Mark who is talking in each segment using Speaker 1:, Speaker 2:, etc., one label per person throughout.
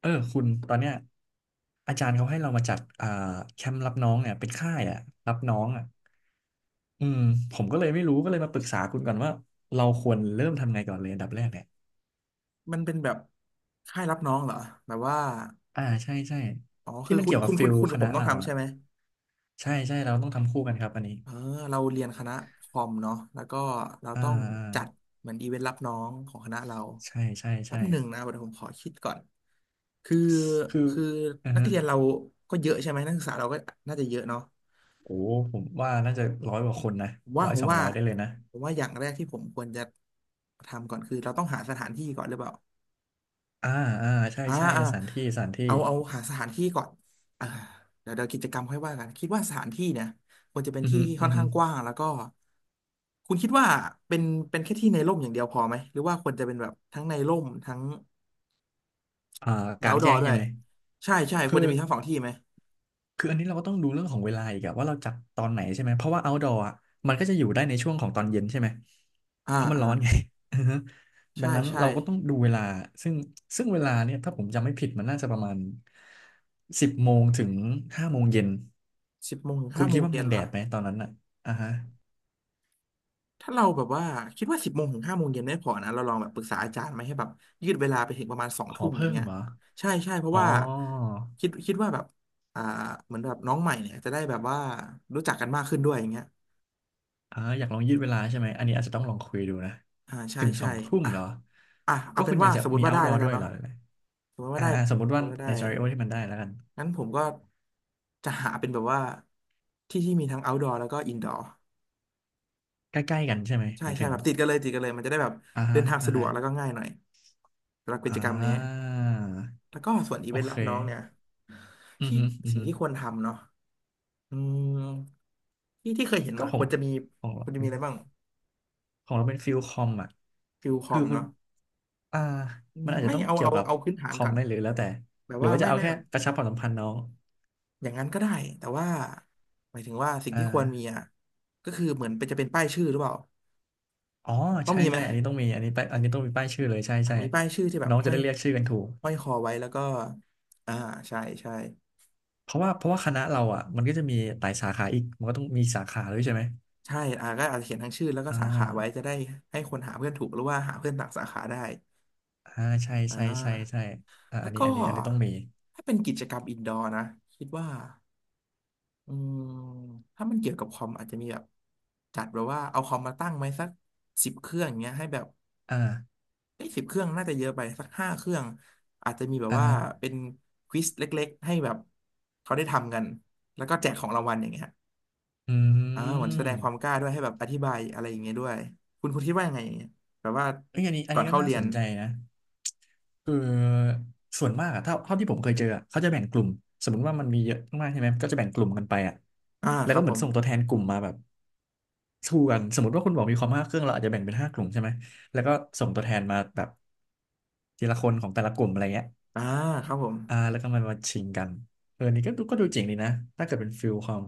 Speaker 1: เออคุณตอนเนี้ยอาจารย์เขาให้เรามาจัดแคมป์รับน้องเนี่ยเป็นค่ายอ่ะรับน้องอ่ะอืมผมก็เลยไม่รู้ก็เลยมาปรึกษาคุณก่อนว่าเราควรเริ่มทำไงก่อนเลยอันดับแรกเนี่ย
Speaker 2: มันเป็นแบบค่ายรับน้องเหรอแบบว่า
Speaker 1: อ่าใช่ใช่
Speaker 2: อ๋อ
Speaker 1: ที่
Speaker 2: คือ
Speaker 1: มัน
Speaker 2: คุณ
Speaker 1: เกี่ยวกั
Speaker 2: คุ
Speaker 1: บ
Speaker 2: ณ
Speaker 1: ฟิ
Speaker 2: คุณ
Speaker 1: ล
Speaker 2: คุณ
Speaker 1: ค
Speaker 2: กับผ
Speaker 1: ณะ
Speaker 2: มต้อง
Speaker 1: เรา
Speaker 2: ทำ
Speaker 1: อ่ะ
Speaker 2: ใช่ไหม
Speaker 1: ใช่ใช่เราต้องทำคู่กันครับอันนี้
Speaker 2: เออเราเรียนคณะคอมเนาะแล้วก็เรา
Speaker 1: อ่า
Speaker 2: ต้อง
Speaker 1: อ่
Speaker 2: จัด
Speaker 1: า
Speaker 2: เหมือนอีเวนต์รับน้องของคณะเรา
Speaker 1: ใช่ใช่
Speaker 2: แป๊
Speaker 1: ใช่
Speaker 2: บหนึ่งนะเดี๋ยวผมขอคิดก่อนคือ
Speaker 1: คือ
Speaker 2: คือ
Speaker 1: อ่า
Speaker 2: นัก
Speaker 1: ฮะ
Speaker 2: เรียนเราก็เยอะใช่ไหมนักศึกษาเราก็น่าจะเยอะเนาะ
Speaker 1: โอ้ผมว่าน่าจะ100 กว่าคนนะ
Speaker 2: ผมว่า
Speaker 1: ร้อย
Speaker 2: ผม
Speaker 1: สอง
Speaker 2: ว่า
Speaker 1: ร้อยได้เลยนะ
Speaker 2: ผมว่าอย่างแรกที่ผมควรจะทำก่อนคือเราต้องหาสถานที่ก่อนหรือเปล่า
Speaker 1: อ่าอ่าใช่
Speaker 2: อ่า
Speaker 1: ใช่
Speaker 2: อ่า
Speaker 1: สถานที่สถานที่
Speaker 2: เอาหาสถานที่ก่อนอ่าเดี๋ยวกิจกรรมค่อยว่ากันคิดว่าสถานที่เนี่ยควรจะเป็น
Speaker 1: อือ
Speaker 2: ที่
Speaker 1: ฮึ
Speaker 2: ที่ค่
Speaker 1: อื
Speaker 2: อน
Speaker 1: อฮึ
Speaker 2: ข้างกว้างแล้วก็คุณคิดว่าเป็นเป็นแค่ที่ในร่มอย่างเดียวพอไหมหรือว่าควรจะเป็นแบบทั้งในร่มทั้ง
Speaker 1: อ่า
Speaker 2: มี
Speaker 1: กลางแจ้
Speaker 2: outdoor
Speaker 1: ง
Speaker 2: ด้ว
Speaker 1: ใช่
Speaker 2: ย
Speaker 1: ไหม
Speaker 2: ใช่ใช่ควร
Speaker 1: คือ
Speaker 2: จะมีทั้งสองที่ไหม
Speaker 1: คืออันนี้เราก็ต้องดูเรื่องของเวลาอีกอะว่าเราจัดตอนไหนใช่ไหมเพราะว่า outdoor อะมันก็จะอยู่ได้ในช่วงของตอนเย็นใช่ไหมเพ
Speaker 2: อ่า
Speaker 1: ราะมัน
Speaker 2: อ่า
Speaker 1: ร้อนไง อือฮึดั
Speaker 2: ใช่
Speaker 1: งนั้น
Speaker 2: ใช่
Speaker 1: เราก็ต้องดูเวลาซึ่งซึ่งเวลาเนี่ยถ้าผมจำไม่ผิดมันน่าจะประมาณ10 โมงถึง 5 โมงเย็น
Speaker 2: สิบโมงถึง
Speaker 1: คุ
Speaker 2: ห้า
Speaker 1: ณ
Speaker 2: โม
Speaker 1: คิด
Speaker 2: ง
Speaker 1: ว่ามัน
Speaker 2: เย็น
Speaker 1: ยัง
Speaker 2: เหร
Speaker 1: แด
Speaker 2: อ
Speaker 1: ดไหมตอนนั้นอะอ่าฮะ
Speaker 2: ถ้าเราแบบว่าคิดว่าสิบโมงถึงห้าโมงเย็นไม่พอนะเราลองแบบปรึกษาอาจารย์ไหมให้แบบยืดเวลาไปถึงประมาณสอง
Speaker 1: ขอ
Speaker 2: ทุ่มอ
Speaker 1: เพิ่
Speaker 2: ย่าง
Speaker 1: ม
Speaker 2: เงี้ย
Speaker 1: เหรอ
Speaker 2: ใช่ใช่เพ
Speaker 1: อ๋
Speaker 2: ราะ
Speaker 1: อ
Speaker 2: ว่าคิดว่าแบบอ่าเหมือนแบบน้องใหม่เนี่ยจะได้แบบว่ารู้จักกันมากขึ้นด้วยอย่างเงี้ย
Speaker 1: อ่าอยากลองยืดเวลาใช่ไหมอันนี้อาจจะต้องลองคุยดูนะ
Speaker 2: อ่าใช่
Speaker 1: ถึงส
Speaker 2: ใช่
Speaker 1: องทุ่ม
Speaker 2: อ่ะ
Speaker 1: เหรอ
Speaker 2: อ่ะ
Speaker 1: ก็
Speaker 2: เอาเป็
Speaker 1: คุ
Speaker 2: น
Speaker 1: ณอ
Speaker 2: ว่า
Speaker 1: ยากจะ
Speaker 2: สมม
Speaker 1: มี
Speaker 2: ติว่าได้
Speaker 1: outdoor
Speaker 2: แล้วกั
Speaker 1: ด้
Speaker 2: น
Speaker 1: วยเหร
Speaker 2: เนาะ
Speaker 1: อหรือไง
Speaker 2: สมมติว่า
Speaker 1: อ่า
Speaker 2: ได้
Speaker 1: อ่าสมมติ
Speaker 2: ส
Speaker 1: ว่า
Speaker 2: มมติว่าได้
Speaker 1: ใน scenarioที่มันได้แล้วกัน
Speaker 2: งั้นผมก็จะหาเป็นแบบว่าที่ที่มีทั้ง outdoor แล้วก็ indoor
Speaker 1: ใกล้ๆกันใช่ไหม
Speaker 2: ใช่
Speaker 1: หมาย
Speaker 2: ใช่
Speaker 1: ถึง
Speaker 2: แบบติดกันเลยติดกันเลยมันจะได้แบบ
Speaker 1: อ่า
Speaker 2: เดิ
Speaker 1: ฮะ
Speaker 2: นทาง
Speaker 1: อ่า
Speaker 2: สะดว
Speaker 1: ฮะ
Speaker 2: กแล้วก็ง่ายหน่อยสำหรับกิ
Speaker 1: อ่
Speaker 2: จกรรมนี้
Speaker 1: า
Speaker 2: แล้วก็ส่วนอี
Speaker 1: โอ
Speaker 2: เวนต์
Speaker 1: เค
Speaker 2: รับน้องเนี่ย
Speaker 1: อือ
Speaker 2: ที่
Speaker 1: ฮึอือ
Speaker 2: สิ่ง
Speaker 1: ฮึ
Speaker 2: ที่ควรทำเนาะอืมที่ที่เคยเห็น
Speaker 1: ก็
Speaker 2: มา
Speaker 1: ข
Speaker 2: ค
Speaker 1: อง
Speaker 2: วรจะมี
Speaker 1: ของเราเป็น
Speaker 2: อะไรบ้าง
Speaker 1: ของเราเป็นฟิลคอมอ่ะ
Speaker 2: ฟิลคอ
Speaker 1: คือ
Speaker 2: ม
Speaker 1: คุณ
Speaker 2: เนาะ
Speaker 1: อ่ามันอาจจะ
Speaker 2: ไม่
Speaker 1: ต้อง
Speaker 2: เอา
Speaker 1: เกี่ยว
Speaker 2: เอา
Speaker 1: กับ
Speaker 2: เอาพื้นฐา
Speaker 1: ค
Speaker 2: น
Speaker 1: อ
Speaker 2: ก่
Speaker 1: ม
Speaker 2: อน
Speaker 1: ไหมหรือแล้วแต่
Speaker 2: แบบ
Speaker 1: หรือ
Speaker 2: ว่า
Speaker 1: ว่าจะ
Speaker 2: ไม่
Speaker 1: เอา
Speaker 2: ไม่
Speaker 1: แค่
Speaker 2: แบบ
Speaker 1: กระชับความสัมพันธ์น้อง
Speaker 2: อย่างนั้นก็ได้แต่ว่าหมายถึงว่าสิ่ง
Speaker 1: อ่
Speaker 2: ที่ควรมี
Speaker 1: า
Speaker 2: อ่ะก็คือเหมือนเป็นจะเป็นป้ายชื่อหรือเปล่า
Speaker 1: อ๋อ
Speaker 2: ต้อง
Speaker 1: ใช่
Speaker 2: มีไหม
Speaker 1: ใช่อันนี้ต้องมีอันนี้ต้องมีป้ายชื่อเลยใช่
Speaker 2: อ่ะ
Speaker 1: ใช่
Speaker 2: มีป้ายชื่อที่แบบ
Speaker 1: น้องจะได้เรียกชื่อกันถูก
Speaker 2: ห้อยคอไว้แล้วก็อ่าใช่ใช่
Speaker 1: เพราะว่าคณะเราอ่ะมันก็จะมีหลายสาขาอีกมันก็ต้องมีสาขาด้วยใช่ไหม
Speaker 2: ใช่อ่าก็อาจจะเขียนทั้งชื่อแล้วก็
Speaker 1: อ่า
Speaker 2: สาขาไว้จะได้ให้คนหาเพื่อนถูกหรือว่าหาเพื่อนต่างสาขาได้
Speaker 1: อ่าใช่
Speaker 2: อ่า
Speaker 1: ใช่ใช่ใช่อ่า
Speaker 2: แล้
Speaker 1: อั
Speaker 2: ว
Speaker 1: นนี้
Speaker 2: ก็
Speaker 1: อันนี้อันนี้ต้องมี
Speaker 2: ถ้าเป็นกิจกรรมอินดอร์นะคิดว่าอืมถ้ามันเกี่ยวกับคอมอาจจะมีแบบจัดแบบว่าเอาคอมมาตั้งไว้สักสิบเครื่องอย่างเงี้ยให้แบบ
Speaker 1: อ่า
Speaker 2: ไอ้สิบเครื่องน่าจะเยอะไปสัก5 เครื่องอาจจะมีแบบ
Speaker 1: อ่า
Speaker 2: ว่า
Speaker 1: ฮะ
Speaker 2: เป็นควิซเล็กๆให้แบบเขาได้ทำกันแล้วก็แจกของรางวัลอย่างเงี้ย
Speaker 1: อื
Speaker 2: อ่าเหมือนแสดงความ
Speaker 1: ม
Speaker 2: กล้าด้วยให้แบบอธิบายอะไรอย่างเงี้ยด้วยคุณคิดว่ายังไงอย่างเงี้ยแบบว่า
Speaker 1: เอ้ยอันนี้อัน
Speaker 2: ก่อน
Speaker 1: นี้ก็
Speaker 2: เข้า
Speaker 1: น่า
Speaker 2: เรีย
Speaker 1: ส
Speaker 2: น
Speaker 1: นใจนะคือส่วนมากอะเท่าที่ผมเคยเจออะเขาจะแบ่งกลุ่มสมมติว่ามันมีเยอะมากใช่ไหมก็จะแบ่งกลุ่มกันไปอะ
Speaker 2: อ่า
Speaker 1: แล้
Speaker 2: ค
Speaker 1: ว
Speaker 2: รั
Speaker 1: ก็
Speaker 2: บ
Speaker 1: เห
Speaker 2: ผ
Speaker 1: มือน
Speaker 2: ม
Speaker 1: ส่งตัวแทนกลุ่มมาแบบสู้กันสมมติว่าคุณบอกมีความ5 เครื่องเราอาจจะแบ่งเป็น5 กลุ่มใช่ไหมแล้วก็ส่งตัวแทนมาแบบทีละคนของแต่ละกลุ่มอะไรเงี้ย
Speaker 2: อ่าครับผม
Speaker 1: อ่าแล้วก็มันมาชิงกันเออนี่ก็ดูเจ๋งดีนะถ้าเกิดเป็นฟิลคอม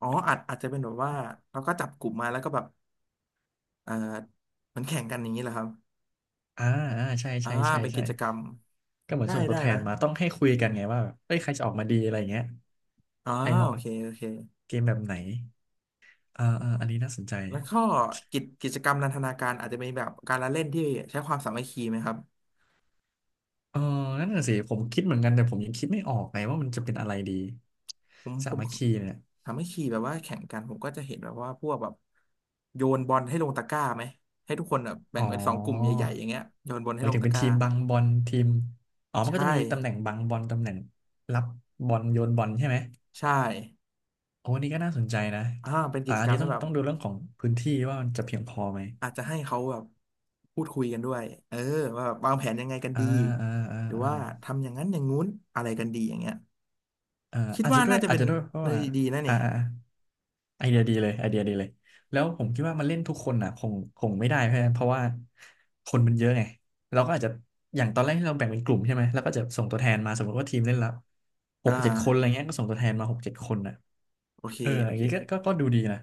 Speaker 2: อ๋ออาจจะเป็นแบบว่าเราก็จับกลุ่มมาแล้วก็แบบเออเหมือนแข่งกันอย่างนี้แหละครับ
Speaker 1: อ่าอ่าใช่
Speaker 2: อ่า
Speaker 1: ใช่ใช่
Speaker 2: เป็นกิ
Speaker 1: ใช่
Speaker 2: จกรรม
Speaker 1: ก็เหมือน
Speaker 2: ได้
Speaker 1: ส่งตั
Speaker 2: ได้
Speaker 1: วแท
Speaker 2: นะ
Speaker 1: นมาต้องให้คุยกันไงว่าแบบเอ้ยใครจะออกมาดีอะไรอย่างเงี้ย
Speaker 2: อ๋อ
Speaker 1: ใครเห
Speaker 2: โอ
Speaker 1: มาะกับ
Speaker 2: เคโอเค
Speaker 1: เกมแบบไหนอ่าอ่าอันนี้น่าสนใจ
Speaker 2: แล้วก็กิจกรรมนันทนาการอาจจะเป็นแบบการละเล่นที่ใช้ความสามัคคีไหมครับ
Speaker 1: เออนั่นน่ะสิผมคิดเหมือนกันแต่ผมยังคิดไม่ออกไงว่ามันจะเป็นอะไรดี
Speaker 2: ผม
Speaker 1: สา
Speaker 2: ผม
Speaker 1: มัคคีเนี่ย
Speaker 2: สามัคคีแบบว่าแข่งกันผมก็จะเห็นแบบว่าพวกแบบโยนบอลให้ลงตะกร้าไหมให้ทุกคนแบบแบ่
Speaker 1: อ๋อ
Speaker 2: งเป็นสองกลุ่มใหญ่ๆอย่างเงี้ยโยนบอล
Speaker 1: ห
Speaker 2: ให้
Speaker 1: มาย
Speaker 2: ลง
Speaker 1: ถึง
Speaker 2: ตะ
Speaker 1: เป็น
Speaker 2: กร้า
Speaker 1: ทีมบังบอลทีมอ๋อมันก็
Speaker 2: ใช่
Speaker 1: จะมีตำแหน่งบังบอลตำแหน่งรับบอลโยนบอลใช่ไหม
Speaker 2: ใช่
Speaker 1: โอ้อันนี้ก็น่าสนใจนะ
Speaker 2: อ่าเป็นกิ
Speaker 1: อ่า
Speaker 2: จ
Speaker 1: อั
Speaker 2: ก
Speaker 1: น
Speaker 2: รรม
Speaker 1: นี้
Speaker 2: ให้
Speaker 1: ต้อง
Speaker 2: แบบ
Speaker 1: ต้องดูเรื่องของพื้นที่ว่ามันจะเพียงพอไหม
Speaker 2: อาจจะให้เขาแบบพูดคุยกันด้วยเออว่าแบบวางแผนยังไงกัน
Speaker 1: อ่า
Speaker 2: ดี
Speaker 1: อ่าอ่า
Speaker 2: หรือ
Speaker 1: อ่า
Speaker 2: ว่าทำอย่างนั้นอย่างงู้นอะไรกันดีอย่างเงี้ย
Speaker 1: อ่า
Speaker 2: คิด
Speaker 1: อาจ
Speaker 2: ว่า
Speaker 1: จะด้ว
Speaker 2: น่า
Speaker 1: ย
Speaker 2: จะ
Speaker 1: อาจ
Speaker 2: เป็น
Speaker 1: จะด้วยเพราะ
Speaker 2: ใน
Speaker 1: ว่า
Speaker 2: ดีนะเนี่
Speaker 1: อ่า
Speaker 2: ย
Speaker 1: อ่าอ่าไอเดียดีเลยไอเดียดีเลยแล้วผมคิดว่ามันเล่นทุกคนอ่ะคงไม่ได้เพราะว่าคนมันเยอะไงเราก็อาจจะอย่างตอนแรกที่เราแบ่งเป็นกลุ่มใช่ไหมแล้วก็จะส่งตัวแทนมาสมมติว่าทีมเล่นละห
Speaker 2: อ่า
Speaker 1: กเจ็ดคนอะไรเงี้ยก็ส่งตัวแทนมาหกเจ็ดคนอ่ะ
Speaker 2: โอเค
Speaker 1: เออ
Speaker 2: โอ
Speaker 1: อย่าง
Speaker 2: เค
Speaker 1: นี้ก็ดูดีนะ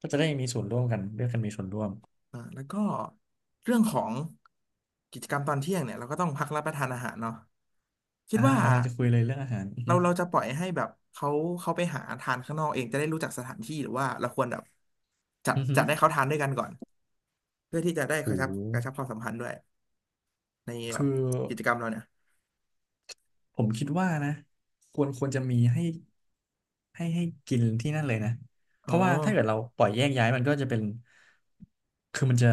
Speaker 1: ก็จะได้มีส่วนร่วมกันเลือกกันมีส่วนร่วม
Speaker 2: อ่าแล้วก็เรื่องของกิจกรรมตอนเที่ยงเนี่ยเราก็ต้องพักรับประทานอาหารเนาะคิด
Speaker 1: อ่า
Speaker 2: ว่า
Speaker 1: กำลังจะคุยเลยเรื่องอาหารอือ
Speaker 2: เรา
Speaker 1: ฮึ
Speaker 2: เราจะปล่อยให้แบบเขาไปหาทานข้างนอกเองจะได้รู้จักสถานที่หรือว่าเราควรแบบ
Speaker 1: อือฮึ
Speaker 2: จัดให้เขาทานด้วยกันก่อนเพื่อที่จะได้
Speaker 1: โ
Speaker 2: กระ
Speaker 1: ห
Speaker 2: ชับความสัมพันธ์ด้วย ในแบ
Speaker 1: คือ
Speaker 2: บกิจกรรมเราเนี่ย
Speaker 1: ผมคิดว่านะควรจะมีให้ให้กินที่นั่นเลยนะเพ
Speaker 2: อ๋อ
Speaker 1: ราะว่าถ้าเกิดเราปล่อยแยกย้ายมันก็จะเป็นคือมันจะ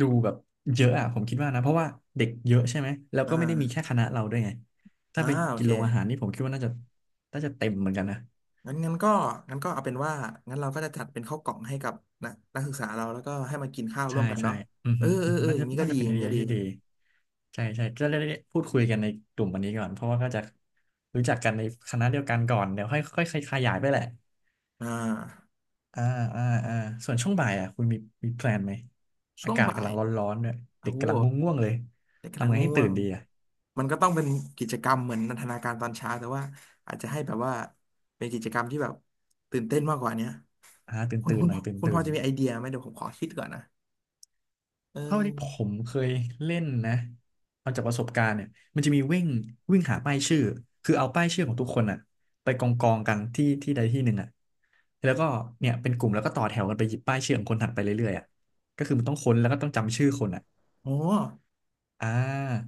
Speaker 1: ดูแบบเยอะอะผมคิดว่านะเพราะว่าเด็กเยอะใช่ไหมแล้ว
Speaker 2: อ่
Speaker 1: ก็ไม่ได้มีแค่
Speaker 2: า
Speaker 1: คณะเราด้วยไงถ้า
Speaker 2: อ่า
Speaker 1: ไป
Speaker 2: โอ
Speaker 1: กิ
Speaker 2: เค
Speaker 1: นโรงอาหารนี่ผมคิดว่าน่าจะเต็มเหมือนกันนะ
Speaker 2: งั้นก็งั้นก็เอาเป็นว่างั้นเราก็จะจัดเป็นข้าวกล่องให้กับนักศึกษาเราแล้วก็ให้มากินข้าวร่
Speaker 1: ใช่
Speaker 2: วมกัน
Speaker 1: ใช่
Speaker 2: เนาะ
Speaker 1: อือ
Speaker 2: เอ
Speaker 1: ฮึ
Speaker 2: อเอ
Speaker 1: อื
Speaker 2: อ
Speaker 1: อฮึ
Speaker 2: เออ
Speaker 1: น่า
Speaker 2: อย่า
Speaker 1: จะ
Speaker 2: งนี้ก็
Speaker 1: น่า
Speaker 2: ดี
Speaker 1: จะเป็
Speaker 2: อ
Speaker 1: น
Speaker 2: ย่า
Speaker 1: ไอ
Speaker 2: งนี้
Speaker 1: เดีย
Speaker 2: ก็ดี
Speaker 1: ที่ดีใช่ใช่จะได้พูดคุยกันในกลุ่มวันนี้ก่อนเพราะว่าก็จะรู้จักกันในคณะเดียวกันก่อนเดี๋ยวค่อยค่อยขยายไปแหละ
Speaker 2: อ่า
Speaker 1: อ่าอ่าอ่าส่วนช่วงบ่ายอ่ะคุณมีแพลนไหม
Speaker 2: ช่
Speaker 1: อา
Speaker 2: วง
Speaker 1: กาศ
Speaker 2: บ่า
Speaker 1: กำ
Speaker 2: ย
Speaker 1: ลังร้อนๆเนี่ย
Speaker 2: โอ้
Speaker 1: เด็ก
Speaker 2: โห
Speaker 1: กำลังง่วงๆเลย
Speaker 2: เด็กกำลั
Speaker 1: ทำ
Speaker 2: ง
Speaker 1: ไง
Speaker 2: ง่
Speaker 1: ให้
Speaker 2: ว
Speaker 1: ตื่น
Speaker 2: ง
Speaker 1: ดีอ่ะ
Speaker 2: มันก็ต้องเป็นกิจกรรมเหมือนนันทนาการตอนเช้าแต่ว่าอาจจะให้แบบว่าเป็นกิจกรรมที่แบบตื่นเต้นมากกว่าเนี้ย
Speaker 1: ตื่น
Speaker 2: คุณ
Speaker 1: ตื่น
Speaker 2: คุณ
Speaker 1: หน่อยตื่น
Speaker 2: คุณ
Speaker 1: ตื่
Speaker 2: พอ
Speaker 1: น
Speaker 2: จะมีไอเดียไหมเดี๋ยวผมขอคิดก่อนนะเอ
Speaker 1: เท่าที่ผ
Speaker 2: อ
Speaker 1: มเคยเล่นนะเอาจากประสบการณ์เนี่ยมันจะมีวิ่งวิ่งหาป้ายชื่อคือเอาป้ายชื่อของทุกคนอ่ะไปกองกันที่ที่ใดที่หนึ่งอ่ะแล้วก็เนี่ยเป็นกลุ่มแล้วก็ต่อแถวกันไปหยิบป้ายชื่อของคนถัดไปเรื่อยๆอ่ะก็คือมันต้องค้นแล้วก็ต้องจำชื่อคนอ่ะ
Speaker 2: โอ้
Speaker 1: อ่า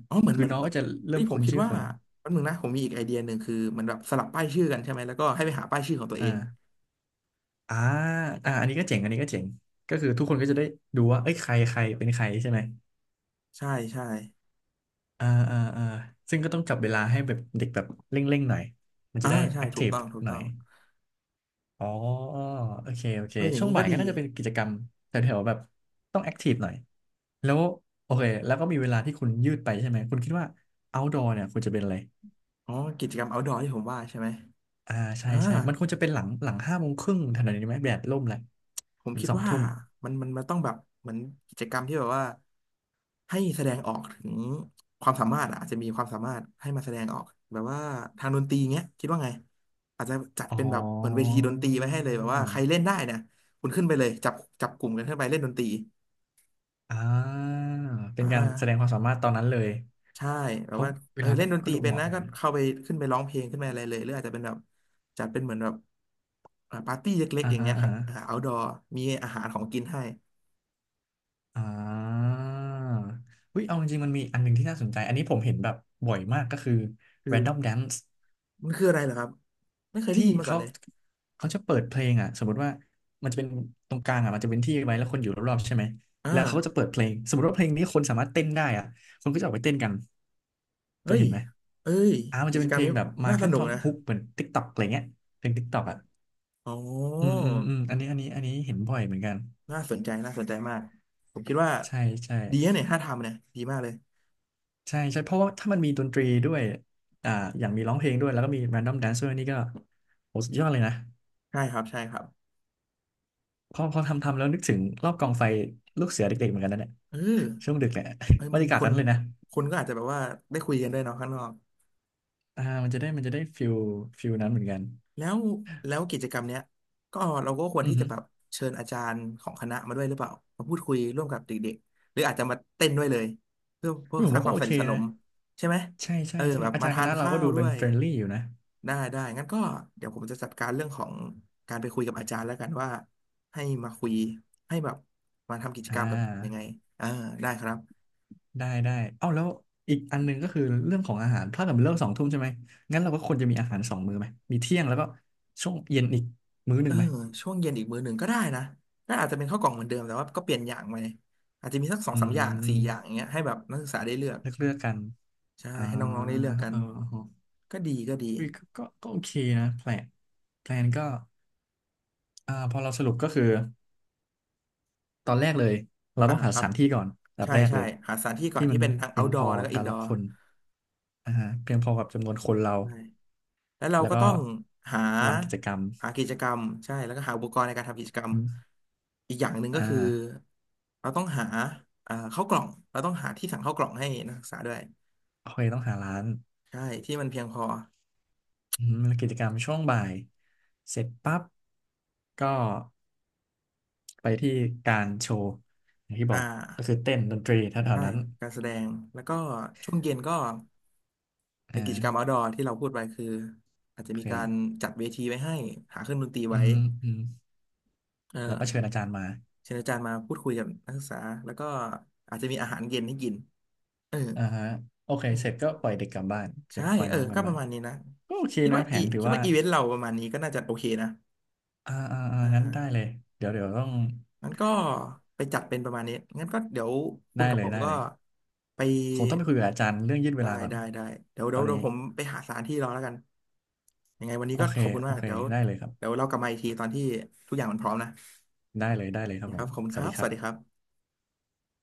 Speaker 2: อ๋อเหมือน
Speaker 1: คื
Speaker 2: เห
Speaker 1: อ
Speaker 2: มือน
Speaker 1: น้อง
Speaker 2: เหมือ
Speaker 1: ก็
Speaker 2: น
Speaker 1: จะเริ่
Speaker 2: เฮ้
Speaker 1: ม
Speaker 2: ยผม
Speaker 1: คุ้น
Speaker 2: คิด
Speaker 1: ชื่อ
Speaker 2: ว่า
Speaker 1: คน
Speaker 2: แป๊บนึงนะผมมีอีกไอเดียหนึ่งคือเหมือนแบบสลับป้ายชื่อกันใช่ไหมแล้วก็ให้ไปหาป้ายชื่อของตัวเอง
Speaker 1: อ่า อ่าอ่าอันนี้ก็เจ๋งอันนี้ก็เจ๋งก็คือทุกคนก็จะได้ดูว่าเอ้ยใครใครเป็นใครใช่ไหม
Speaker 2: ใช่ใช่
Speaker 1: อ่าอ่าอ่าซึ่งก็ต้องจับเวลาให้แบบเด็กแบบเร่งๆหน่อยมันจะ
Speaker 2: อ่า
Speaker 1: ได้
Speaker 2: ใช่
Speaker 1: แอค
Speaker 2: ถู
Speaker 1: ที
Speaker 2: ก
Speaker 1: ฟ
Speaker 2: ต้องถูก
Speaker 1: หน่
Speaker 2: ต้
Speaker 1: อ
Speaker 2: อ
Speaker 1: ย
Speaker 2: ง
Speaker 1: อ๋อโอเคโอเค
Speaker 2: เอออย่า
Speaker 1: ช่
Speaker 2: ง
Speaker 1: วง
Speaker 2: นี้ก็
Speaker 1: บ่าย
Speaker 2: ดี
Speaker 1: ก็น่าจะเป็นกิจกรรมแถวๆแบบต้องแอคทีฟหน่อยแล้วโอเคแล้วก็มีเวลาที่คุณยืดไปใช่ไหม คุณคิดว่า outdoor เนี่ยควรจะเป็นอะไร
Speaker 2: อ๋อกิจกรรม outdoor ที่ผมว่าใช่ไหม
Speaker 1: อ่าใช่
Speaker 2: อ่า
Speaker 1: ใช่มันควรจะเป็นหลังห้าโมงครึ่งทันทีไหมแดดร่มแล้ว
Speaker 2: ผม
Speaker 1: ถึง
Speaker 2: คิด
Speaker 1: สอง
Speaker 2: ว่า
Speaker 1: ทุ่ม
Speaker 2: มันต้องแบบเหมือนกิจกรรมที่แบบว่าให้แสดงออกถึงความสามารถอะอาจจะมีความสามารถให้มาแสดงออกแบบว่าทางดนตรีเงี้ยคิดว่าไงอาจจะจัด
Speaker 1: อ๋อ
Speaker 2: เป็นแบบเหมือนเวทีดนตรีไว้ให้เลยแบบว่าใครเล่นได้นะคุณขึ้นไปเลยจับกลุ่มกันขึ้นไปเล่นดนตรี
Speaker 1: อ่าเป็
Speaker 2: อ่
Speaker 1: นการแสดงความ
Speaker 2: า
Speaker 1: สามารถตอนนั้นเลย
Speaker 2: ใช่แบ
Speaker 1: เพ
Speaker 2: บ
Speaker 1: ราะ
Speaker 2: ว่า
Speaker 1: เว
Speaker 2: เออ
Speaker 1: ลา
Speaker 2: เล่
Speaker 1: ก็
Speaker 2: นดนต
Speaker 1: ก็
Speaker 2: รี
Speaker 1: ดู
Speaker 2: เป็
Speaker 1: เห
Speaker 2: น
Speaker 1: มาะ
Speaker 2: นะ
Speaker 1: อยู่
Speaker 2: ก็
Speaker 1: นะ
Speaker 2: เข้าไปขึ้นไปร้องเพลงขึ้นไปอะไรเลยหรืออาจจะเป็นแบบจัดเป็นเหมือนแบบอ่าปาร์ตี้เล็ก
Speaker 1: อ่า
Speaker 2: ๆอย่าง
Speaker 1: ฮะ
Speaker 2: เงี้ยค
Speaker 1: อ่า
Speaker 2: รับ
Speaker 1: ฮะ
Speaker 2: อ่า outdoor มีอาหารของกินให้
Speaker 1: อ่าอุ้ยเอาจริงๆมันมีอันหนึ่งที่น่าสนใจ อันนี้ผมเห็นแบบบ่อยมากก็คือ
Speaker 2: คือ
Speaker 1: Random Dance
Speaker 2: มันคืออะไรเหรอครับไม่เคยได้
Speaker 1: ที่
Speaker 2: ยินมาก่อน
Speaker 1: เขา
Speaker 2: เลย
Speaker 1: เขาจะเปิดเพลงอ่ะสมมติว่ามันจะเป็นตรงกลางอ่ะ มันจะเป็นที่ไว้แล้วคนอยู่รอบๆใช่ไหม
Speaker 2: อ่า
Speaker 1: แล้วเขาก็จะเปิดเพลง สมมติว่าเพลงนี้คนสามารถเต้นได้อ่ะคนก็จะออกไปเต้นกันเค
Speaker 2: เอ้
Speaker 1: ย
Speaker 2: ย
Speaker 1: เห็นไหม
Speaker 2: เอ้ย
Speaker 1: อ่ามัน
Speaker 2: กิ
Speaker 1: จะ
Speaker 2: จ
Speaker 1: เป็น
Speaker 2: กร
Speaker 1: เพ
Speaker 2: รม
Speaker 1: ลง
Speaker 2: นี้
Speaker 1: แบบมา
Speaker 2: น่าส
Speaker 1: แค่
Speaker 2: นุก
Speaker 1: ท่อน
Speaker 2: นะ
Speaker 1: ฮุกเหมือน TikTok อกอะไรเงี้ยเพลง t กต็อกอ่ะ
Speaker 2: อ๋อ
Speaker 1: อืมอันนี้เห็นบ่อยเหมือนกัน
Speaker 2: น่าสนใจน่าสนใจมากผมคิดว่า
Speaker 1: ใช่ใช่
Speaker 2: ดีนะเนี่ยถ้าทำเนี่ยดีมากเลย
Speaker 1: ใช่ใช่เพราะว่าถ้ามันมีดนตรีด้วยอ่าอย่างมีร้องเพลงด้วยแล้วก็มี Random Dance ดอมแดนซ์ด้วยนี่ก็โหสุดยอดเลยนะ
Speaker 2: ใช่ครับใช่ครับ
Speaker 1: พอทำแล้วนึกถึงรอบกองไฟลูกเสือเด็กๆเหมือนกันนะเนี่ย
Speaker 2: เออ
Speaker 1: ช่วงดึกแหละ
Speaker 2: เอ้ย
Speaker 1: บร
Speaker 2: มั
Speaker 1: ร
Speaker 2: น
Speaker 1: ยากาศ
Speaker 2: คน
Speaker 1: นั้นเลยนะ
Speaker 2: คนก็อาจจะแบบว่าได้คุยกันด้วยเนาะข้างนอก
Speaker 1: อ่ามันจะได้ฟิลนั้นเหมือนกัน
Speaker 2: แล้วแล้วกิจกรรมเนี้ยก็เราก็ควร
Speaker 1: อือ
Speaker 2: ที่จะ
Speaker 1: ฮึ
Speaker 2: แบบเชิญอาจารย์ของคณะมาด้วยหรือเปล่ามาพูดคุยร่วมกับเด็กๆหรืออาจจะมาเต้นด้วยเลยเพื่อ
Speaker 1: ผม
Speaker 2: สร้าง
Speaker 1: ว่า
Speaker 2: ค
Speaker 1: ก็
Speaker 2: วาม
Speaker 1: โอ
Speaker 2: ส
Speaker 1: เค
Speaker 2: นิทสน
Speaker 1: นะ
Speaker 2: มใช่ไหม
Speaker 1: ใช่ใช่
Speaker 2: เออ
Speaker 1: ใช่
Speaker 2: แบบ
Speaker 1: อา
Speaker 2: มา
Speaker 1: จารย์ค
Speaker 2: ทาน
Speaker 1: ณะเรา
Speaker 2: ข้า
Speaker 1: ก็
Speaker 2: ว
Speaker 1: ดู
Speaker 2: ด้
Speaker 1: เป็
Speaker 2: ว
Speaker 1: น
Speaker 2: ย
Speaker 1: เฟรนลี่อยู่นะ
Speaker 2: ได้ได้งั้นก็เดี๋ยวผมจะจัดการเรื่องของการไปคุยกับอาจารย์แล้วกันว่าให้มาคุยให้แบบมาทำกิจกร
Speaker 1: อ่า
Speaker 2: รมกับยังไงเออได้ครับ
Speaker 1: ได้เอ้าแล้วอีกอันหนึงก็คือเรื่องของอาหารถ้าเกิดมันเลิกสองทุ่มใช่ไหมงั้นเราก็ควรจะมีอาหารสองมื้อไหมมีเที่ยงแล้วก็ช่วงเย็นอีกมื้อห
Speaker 2: เอ
Speaker 1: นึ่ง
Speaker 2: อ
Speaker 1: ไหม
Speaker 2: ช่วงเย็นอีกมื้อหนึ่งก็ได้นะน่าอาจจะเป็นข้าวกล่องเหมือนเดิมแต่ว่าก็เปลี่ยนอย่างไปอาจจะมีสักสอง
Speaker 1: อื
Speaker 2: สามอย่างสี่อย่างอ
Speaker 1: ม
Speaker 2: ย่างเงี้ยให้แบบนักศึกษาได้เลือก
Speaker 1: เลือกกัน
Speaker 2: ใช่
Speaker 1: อ่า
Speaker 2: ให้น้องๆได้เลือกกัน
Speaker 1: เออ
Speaker 2: ก็ดีก็ดี
Speaker 1: วิก็โอเคนะแพลนก็อ่าพอเราสรุปก็คือตอนแรกเลยเรา
Speaker 2: อ่า
Speaker 1: ต้องหา
Speaker 2: ค
Speaker 1: ส
Speaker 2: รับ
Speaker 1: ถานที่ก่อนอันดับ
Speaker 2: ใช่
Speaker 1: แรก
Speaker 2: ใช่
Speaker 1: เลย
Speaker 2: หาสถานที่ก่อ
Speaker 1: ที่
Speaker 2: น
Speaker 1: มั
Speaker 2: ที่
Speaker 1: น
Speaker 2: เป็นทั้ง
Speaker 1: เพียงพอ
Speaker 2: outdoor แล้วก็
Speaker 1: การรับ
Speaker 2: indoor
Speaker 1: คนอ่าฮะเพียงพอกับจำนวนคนเรา
Speaker 2: ใช่แล้วเรา
Speaker 1: แล้ว
Speaker 2: ก็
Speaker 1: ก็
Speaker 2: ต้องหา
Speaker 1: ลานกิจกรรม
Speaker 2: หากิจกรรมใช่แล้วก็หาอุปกรณ์ในการทำกิจกรรม
Speaker 1: อม
Speaker 2: อีกอย่างหนึ่งก็
Speaker 1: อ่า
Speaker 2: คือเราต้องหาข้าวกล่องเราต้องหาที่สั่งข้าวกล่องให้นักศึกษาด้วย
Speaker 1: โอเคต้องหาร้าน
Speaker 2: ใช่ที่มันเพียงพอ
Speaker 1: อืมแล้วกิจกรรมช่วงบ่ายเสร็จปั๊บก็ไปที่การโชว์อย่างที่บ
Speaker 2: อ่า
Speaker 1: อกก็คือเต้นดนตรีแถว
Speaker 2: ใช่
Speaker 1: ๆนั้น
Speaker 2: การแสดง แล้วก็ช่วงเย็นก็เป็นกิจ
Speaker 1: อ่า
Speaker 2: กรรม outdoor ที่เราพูดไปคืออาจจะ
Speaker 1: โอ
Speaker 2: มีการ
Speaker 1: เค
Speaker 2: จัดเวทีไว้ให้หาเครื่องดนตรี
Speaker 1: อื
Speaker 2: ไว้
Speaker 1: มอืม
Speaker 2: เออ
Speaker 1: แล้วก็เชิญอาจารย์มา
Speaker 2: เชิญอาจารย์มาพูดคุยกับนักศึกษา แล้วก็อาจจะมีอาหารเย็นให้กินเออ
Speaker 1: อ่าฮะโอเคเสร็จก็ปล่อยเด็กกลับบ้านเดี๋
Speaker 2: ใช่
Speaker 1: ยวปล่อย
Speaker 2: เออ
Speaker 1: น้องกลั
Speaker 2: ก็
Speaker 1: บ
Speaker 2: ป
Speaker 1: บ้า
Speaker 2: ระ
Speaker 1: น
Speaker 2: มาณนี้นะ
Speaker 1: ก็โอเคนะแผนถือ
Speaker 2: คิด
Speaker 1: ว่า
Speaker 2: ว่าอีเวนต์เราประมาณนี้ก็น่าจะโอเคนะอ่
Speaker 1: งั้นได้เล
Speaker 2: า
Speaker 1: ยเดี๋ยวต้อง
Speaker 2: งั้นก็ไปจัดเป็นประมาณนี้ งั้นก็เดี๋ยวคุณ
Speaker 1: ได้
Speaker 2: กับ
Speaker 1: เล
Speaker 2: ผ
Speaker 1: ย
Speaker 2: ม
Speaker 1: ได้
Speaker 2: ก็
Speaker 1: เลย
Speaker 2: ไป
Speaker 1: คงต้องไปคุยกับอาจารย์เรื่องยืดเว
Speaker 2: ได้
Speaker 1: ลาก่อน
Speaker 2: ได้ได้เดี๋ยว
Speaker 1: ต
Speaker 2: เดี๋
Speaker 1: อ
Speaker 2: ยว
Speaker 1: น
Speaker 2: เดี๋ย
Speaker 1: นี้
Speaker 2: วผมไปหาสถานที่รอแล้วกันยังไงวันนี้
Speaker 1: โอ
Speaker 2: ก็
Speaker 1: เค
Speaker 2: ขอบคุณ
Speaker 1: โอ
Speaker 2: มาก
Speaker 1: เค
Speaker 2: เดี๋ยว
Speaker 1: ได้เลยครั
Speaker 2: เดี๋ย
Speaker 1: บ
Speaker 2: วเรากลับมาอีกทีตอนที่ทุกอย่างมันพร้อมนะ
Speaker 1: ได้เลยได้เลยครับ
Speaker 2: นี่ค
Speaker 1: ผ
Speaker 2: รั
Speaker 1: ม
Speaker 2: บขอบคุณ
Speaker 1: ส
Speaker 2: ค
Speaker 1: วัส
Speaker 2: รับ
Speaker 1: ดี
Speaker 2: ส
Speaker 1: ครั
Speaker 2: วัสดีค
Speaker 1: บ
Speaker 2: รับ